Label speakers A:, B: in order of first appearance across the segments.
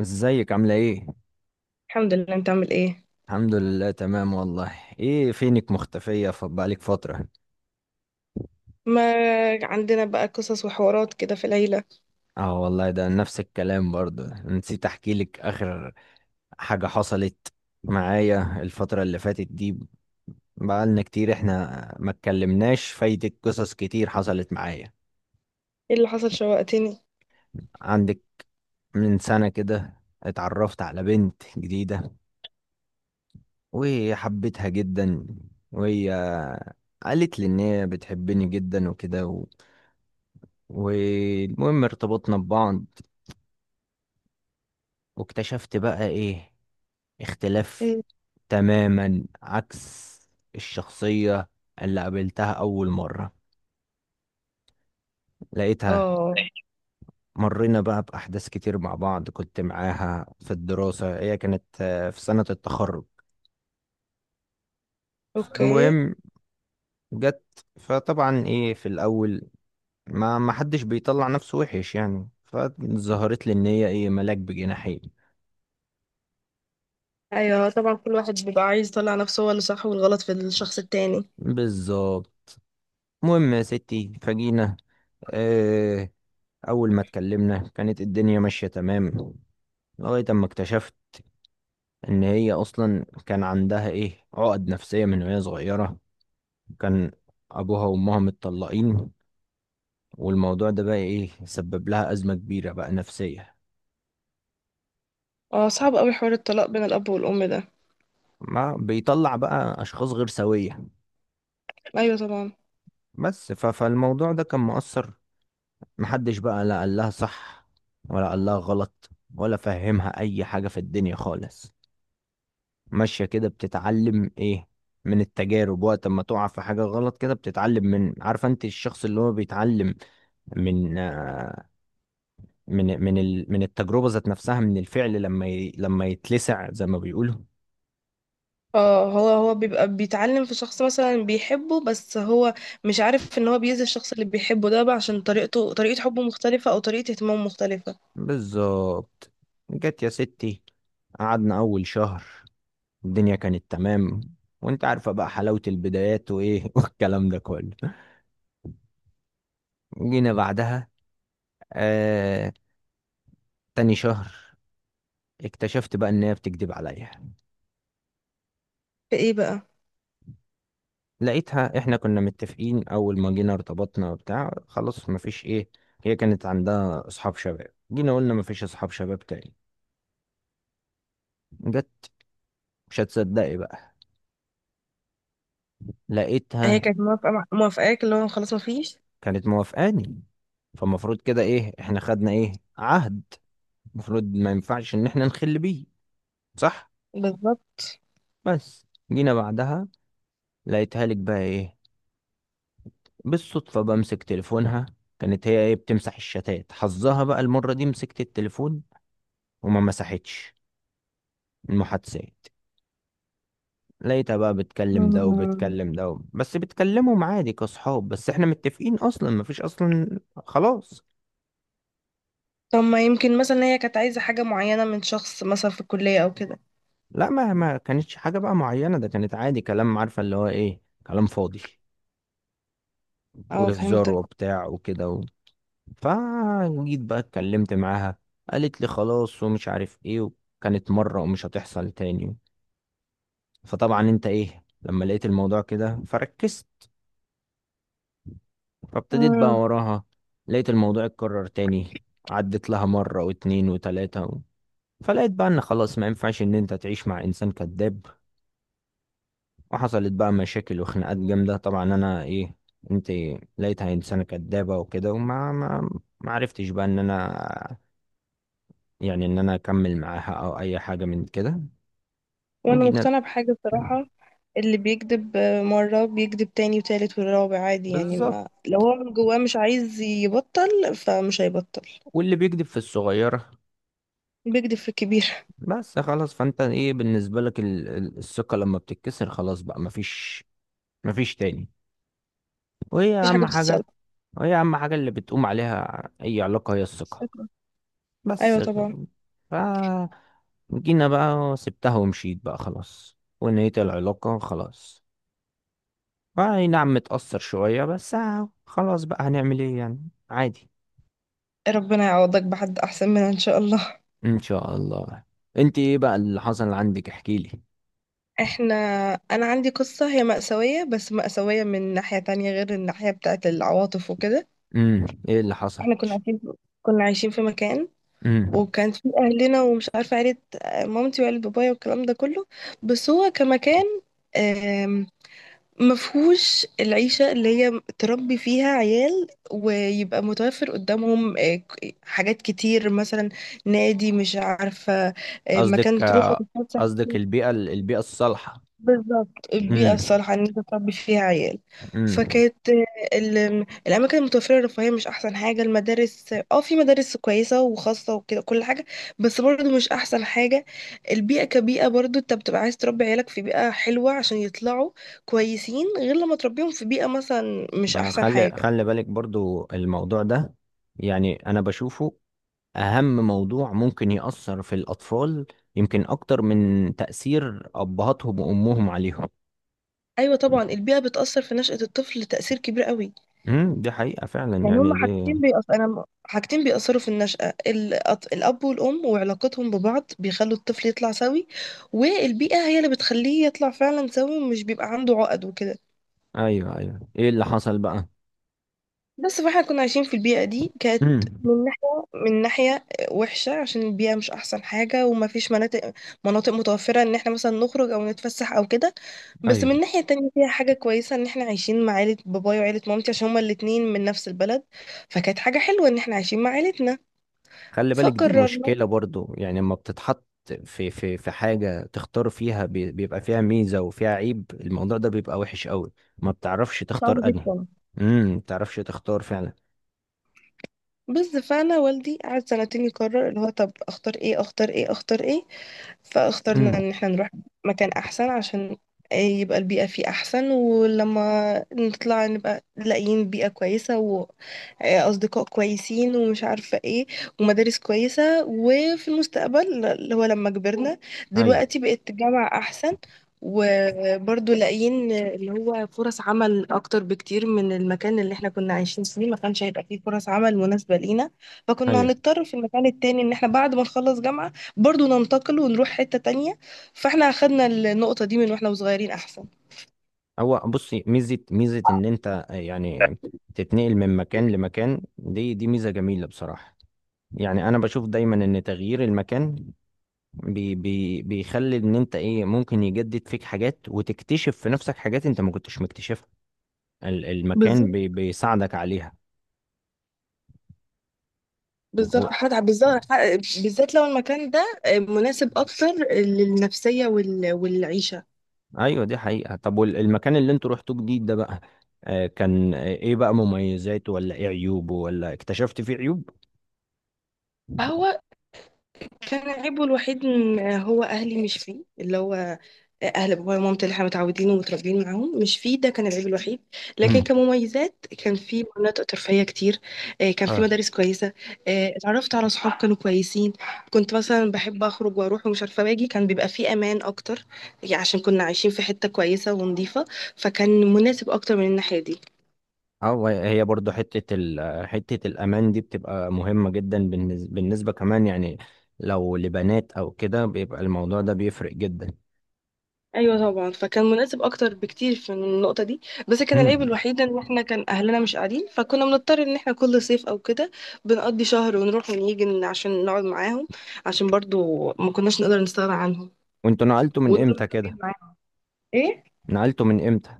A: ازيك عاملة ايه؟
B: الحمد لله، انت عامل ايه؟
A: الحمد لله تمام والله. ايه فينك مختفية؟ بقالك فترة.
B: ما عندنا بقى قصص وحوارات كده في العيلة.
A: اه والله ده نفس الكلام. برضو نسيت احكي لك اخر حاجة حصلت معايا الفترة اللي فاتت دي. بقالنا كتير احنا ما اتكلمناش، فايتك قصص كتير حصلت معايا.
B: ايه اللي حصل؟ شوقتني.
A: عندك من سنة كده اتعرفت على بنت جديدة وحبيتها جدا، وهي قالت لي ان هي بتحبني جدا وكده والمهم ارتبطنا ببعض. واكتشفت بقى ايه؟ اختلاف
B: مم.
A: تماما عكس الشخصية اللي قابلتها أول مرة، لقيتها.
B: اه.
A: مرينا بقى بأحداث كتير مع بعض. كنت معاها في الدراسة، هي كانت في سنة التخرج.
B: اوكي.
A: فالمهم جت، فطبعا ايه في الأول ما حدش بيطلع نفسه وحش يعني، فظهرت لي ان هي ايه، ملاك بجناحين.
B: ايوه طبعا، كل واحد بيبقى عايز يطلع نفسه هو اللي صح والغلط في الشخص التاني.
A: بالظبط. المهم يا ستي فجينا، آه، أول ما اتكلمنا كانت الدنيا ماشية تمام، لغاية أما اكتشفت إن هي أصلا كان عندها إيه، عقد نفسية من وهي صغيرة. كان أبوها وأمها متطلقين، والموضوع ده بقى إيه، سبب لها أزمة كبيرة بقى نفسية.
B: اه صعب قوي حوار الطلاق بين الاب والام ده.
A: ما بيطلع بقى أشخاص غير سوية.
B: ايوه طبعا.
A: بس فالموضوع ده كان مؤثر. محدش بقى لا قال لها صح، ولا قال لها غلط، ولا فهمها أي حاجة في الدنيا خالص. ماشية كده بتتعلم ايه، من التجارب. وقت ما تقع في حاجة غلط كده بتتعلم، من، عارفة انت الشخص اللي هو بيتعلم من من من ال من التجربة ذات نفسها، من الفعل، لما لما يتلسع زي ما بيقولوا.
B: اه هو بيبقى بيتعلم في شخص مثلا بيحبه بس هو مش عارف ان هو بيأذي الشخص اللي بيحبه ده بقى عشان طريقته طريقة حبه مختلفة او طريقة اهتمامه مختلفة.
A: بالظبط. جت يا ستي قعدنا أول شهر الدنيا كانت تمام، وانت عارفة بقى حلاوة البدايات وايه والكلام ده كله. جينا بعدها آه تاني شهر، اكتشفت بقى ان هي بتكذب عليا.
B: في ايه بقى؟
A: لقيتها، احنا كنا متفقين اول ما جينا ارتبطنا وبتاع، خلاص مفيش ايه. هي كانت عندها اصحاب شباب، جينا قلنا مفيش اصحاب شباب تاني. جت، مش هتصدقي بقى،
B: هي
A: لقيتها.
B: كانت موافقاك اللي هو خلاص مفيش.
A: كانت موافقاني، فالمفروض كده ايه، احنا خدنا ايه، عهد. المفروض ما ينفعش ان احنا نخل بيه، صح؟
B: بالظبط.
A: بس جينا بعدها لقيتها لك بقى ايه، بالصدفة بمسك تليفونها. كانت هي ايه بتمسح الشتات، حظها بقى المرة دي مسكت التليفون وما مسحتش المحادثات. ليتها بقى بتكلم ده
B: مم.
A: وبتكلم ده، بس بتكلمهم عادي كصحاب، بس احنا متفقين اصلا مفيش اصلا. خلاص.
B: طب ما يمكن مثلا هي كانت عايزة حاجة معينة من شخص مثلا في الكلية أو كده.
A: لا ما كانتش حاجة بقى معينة، ده كانت عادي كلام، عارفة اللي هو ايه، كلام فاضي
B: اه
A: وهزار
B: فهمتك.
A: وبتاع وكده فجيت بقى اتكلمت معاها، قالت لي خلاص ومش عارف ايه، وكانت مرة ومش هتحصل تاني. فطبعا انت ايه لما لقيت الموضوع كده فركزت، فابتديت بقى
B: مم.
A: وراها. لقيت الموضوع اتكرر تاني، عدت لها مرة واتنين وتلاتة. فلقيت بقى ان خلاص ما ينفعش ان انت تعيش مع انسان كذاب. وحصلت بقى مشاكل وخناقات جامده. طبعا انا ايه، انت لقيتها انسانه كذابه وكده، وما ما عرفتش بقى ان انا يعني ان انا اكمل معاها او اي حاجه من كده.
B: وأنا
A: وجينا
B: مقتنعة بحاجة بصراحة، اللي بيكذب مرة بيكذب تاني وتالت والرابع عادي، يعني
A: بالظبط.
B: ما لو هو من جواه مش عايز يبطل فمش هيبطل.
A: واللي بيكذب في الصغيره،
B: بيكذب في الكبير.
A: بس خلاص. فانت ايه بالنسبه لك، الثقه لما بتتكسر خلاص بقى مفيش، مفيش تاني. وهي
B: مفيش حاجة
A: اهم حاجه
B: بتتصلح.
A: وهي اهم حاجه اللي بتقوم عليها اي علاقه، هي الثقه.
B: شكراً.
A: بس
B: أيوة طبعا.
A: ف جينا بقى وسبتها ومشيت بقى خلاص، ونهيت العلاقة خلاص. اي نعم متأثر شوية بس، خلاص بقى، هنعمل ايه يعني، عادي.
B: ربنا يعوضك بحد أحسن منها إن شاء الله.
A: ان شاء الله. انت ايه بقى اللي حصل عندك؟ احكيلي.
B: احنا، أنا عندي قصة هي مأساوية بس مأساوية من ناحية تانية غير الناحية بتاعت العواطف وكده.
A: ايه اللي حصل؟
B: احنا كنا عايشين في مكان،
A: امم
B: وكان في اهلنا ومش عارفه عيله مامتي وعيله بابايا والكلام ده كله. بس هو كمكان آم، مفهوش العيشه اللي هي تربي فيها عيال ويبقى متوفر قدامهم حاجات كتير، مثلا نادي مش عارفه
A: قصدك
B: مكان تروحوا
A: آه،
B: تتفسح.
A: قصدك البيئة الصالحة.
B: بالظبط، البيئة
A: امم
B: الصالحة إن أنت تربي فيها عيال.
A: امم
B: فكانت الأماكن المتوفرة الرفاهية مش أحسن حاجة. المدارس اه في مدارس كويسة وخاصة وكده كل حاجة، بس برضه مش أحسن حاجة. البيئة كبيئة برضه أنت بتبقى عايز تربي عيالك في بيئة حلوة عشان يطلعوا كويسين، غير لما تربيهم في بيئة مثلا مش أحسن
A: خلي
B: حاجة.
A: خلي بالك برضو الموضوع ده، يعني انا بشوفه أهم موضوع ممكن يأثر في الأطفال، يمكن أكتر من تأثير أبهاتهم وأمهم عليهم.
B: أيوة طبعا، البيئة بتأثر في نشأة الطفل تأثير كبير قوي.
A: دي حقيقة فعلا
B: يعني
A: يعني
B: هما
A: دي.
B: حاجتين بيأثروا، حاجتين بيأثروا في النشأة، الأب والأم وعلاقتهم ببعض بيخلوا الطفل يطلع سوي، والبيئة هي اللي بتخليه يطلع فعلا سوي ومش بيبقى عنده عقد وكده.
A: أيوه أيوه إيه اللي حصل بقى؟
B: بس فاحنا كنا عايشين في البيئة دي، كانت
A: امم
B: من ناحية وحشة عشان البيئة مش أحسن حاجة وما فيش مناطق متوفرة إن احنا مثلا نخرج أو نتفسح أو كده. بس
A: أيوه،
B: من ناحية تانية فيها حاجة كويسة إن احنا عايشين مع عيلة بابايا وعيلة مامتي عشان هما الاتنين من نفس البلد. فكانت حاجة حلوة إن احنا عايشين مع عيلتنا.
A: خلي بالك دي
B: فقررنا.
A: مشكلة برضو، يعني لما بتتحط في حاجة تختار فيها، بيبقى فيها ميزة وفيها عيب، الموضوع ده بيبقى وحش قوي، ما بتعرفش
B: صعب
A: تختار أنهي.
B: جدا.
A: ما بتعرفش تختار فعلا.
B: بس فانا والدي قعد سنتين يقرر اللي هو طب اختار ايه اختار ايه اختار ايه. فاخترنا
A: امم
B: ان احنا نروح مكان احسن عشان يبقى البيئة فيه احسن، ولما نطلع نبقى لاقيين بيئة كويسة واصدقاء كويسين ومش عارفة ايه، ومدارس كويسة، وفي المستقبل اللي هو لما كبرنا
A: أيوه
B: دلوقتي بقت جامعة احسن، وبرضه لاقيين اللي هو فرص عمل اكتر بكتير من المكان اللي احنا كنا عايشين فيه، ما كانش هيبقى فيه فرص عمل مناسبة لينا. فكنا
A: أيوه.
B: هنضطر في المكان التاني ان احنا بعد ما نخلص جامعة برضو ننتقل ونروح حتة تانية، فاحنا اخدنا النقطة دي من واحنا صغيرين احسن.
A: هو بصي، ميزة ميزة إن أنت يعني تتنقل من مكان لمكان، دي ميزة جميلة بصراحة، يعني أنا بشوف دايما إن تغيير المكان بي بي بيخلي إن أنت إيه ممكن يجدد فيك حاجات وتكتشف في نفسك حاجات أنت ما كنتش مكتشفها. المكان
B: بالظبط.
A: بيساعدك عليها
B: بالظبط
A: و...
B: حد بالظبط، بالذات لو المكان ده مناسب اكتر للنفسيه والعيشه.
A: أيوة دي حقيقة. طب والمكان اللي أنتوا رحتوه جديد ده بقى، كان إيه بقى مميزاته؟ ولا إيه عيوبه؟ ولا اكتشفت فيه عيوب؟
B: فهو كان عيبه الوحيد إن هو أهلي مش فيه، اللي هو أهل بابايا ومامتي اللي احنا متعودين ومتربيين معاهم مش فيه، ده كان العيب الوحيد. لكن
A: مم.
B: كمميزات كان في مناطق ترفيهية كتير، كان في مدارس كويسة، اتعرفت على صحاب كانوا كويسين. كنت مثلا بحب أخرج وأروح ومش عارفة باجي، كان بيبقى فيه أمان أكتر، يعني عشان كنا عايشين في حتة كويسة ونظيفة، فكان مناسب أكتر من الناحية دي.
A: اه هي برضو حتة، حتة الأمان دي بتبقى مهمة جدا بالنسبة كمان، يعني لو لبنات أو كده بيبقى الموضوع ده بيفرق جدا.
B: ايوه طبعا، فكان مناسب اكتر بكتير في من النقطه دي. بس كان العيب
A: هم.
B: الوحيد ان احنا كان اهلنا مش قاعدين، فكنا بنضطر ان احنا كل صيف او كده بنقضي شهر ونروح ونيجي عشان نقعد معاهم، عشان برضو ما كناش نقدر نستغنى عنهم
A: وانتوا نقلتوا من
B: ودول
A: امتى كده؟
B: مرتبطين معاهم. ايه،
A: نقلتوا من امتى؟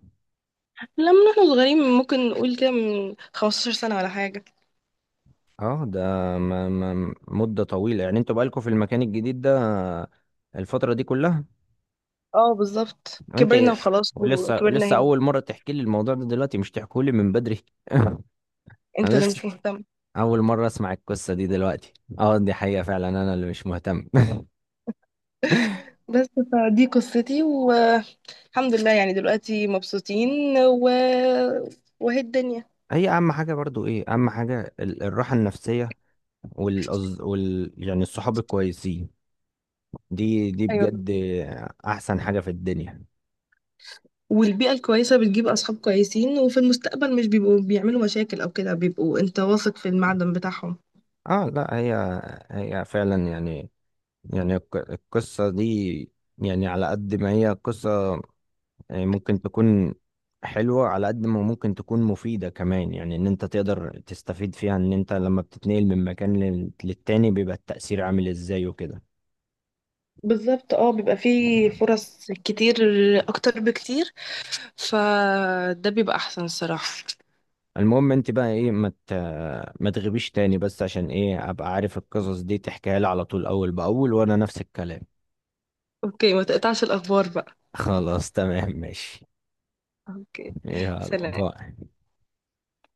B: لما احنا صغيرين، ممكن نقول كده من 15 سنه ولا حاجه.
A: اه ده ما مدة طويلة يعني، انتوا بقالكوا في المكان الجديد ده الفترة دي كلها؟
B: اه بالظبط، كبرنا
A: انت
B: وخلاص
A: ولسه،
B: وكبرنا
A: لسه
B: هنا.
A: أول مرة تحكي لي الموضوع ده دلوقتي؟ مش تحكوا لي من بدري. أنا
B: انت اللي
A: لسه
B: مش مهتم.
A: أول مرة أسمع القصة دي دلوقتي. اه دي حقيقة فعلا أنا اللي مش مهتم.
B: بس فدي قصتي والحمد لله، يعني دلوقتي مبسوطين وهي الدنيا.
A: هي اهم حاجه برضو، ايه اهم حاجه، الراحه النفسيه، والأز... وال يعني الصحاب الكويسين. دي
B: ايوه.
A: بجد احسن حاجه في الدنيا.
B: والبيئة الكويسة بتجيب أصحاب كويسين، وفي المستقبل مش بيبقوا بيعملوا مشاكل أو كده، بيبقوا أنت واثق في المعدن بتاعهم.
A: اه لا هي، هي فعلا يعني، يعني القصه دي، يعني على قد ما هي قصه يعني ممكن تكون حلوه، على قد ما ممكن تكون مفيده كمان. يعني ان انت تقدر تستفيد فيها ان انت لما بتتنقل من مكان للتاني بيبقى التأثير عامل ازاي وكده.
B: بالظبط، اه بيبقى فيه فرص كتير اكتر بكتير، فده بيبقى احسن الصراحة.
A: المهم انت بقى ايه، ما تغيبيش تاني بس، عشان ايه، ابقى عارف القصص دي تحكيها لي على طول اول باول، وانا نفس الكلام.
B: أوكي، ما تقطعش الأخبار بقى.
A: خلاص تمام ماشي.
B: أوكي.
A: يلا
B: سلام.
A: باي.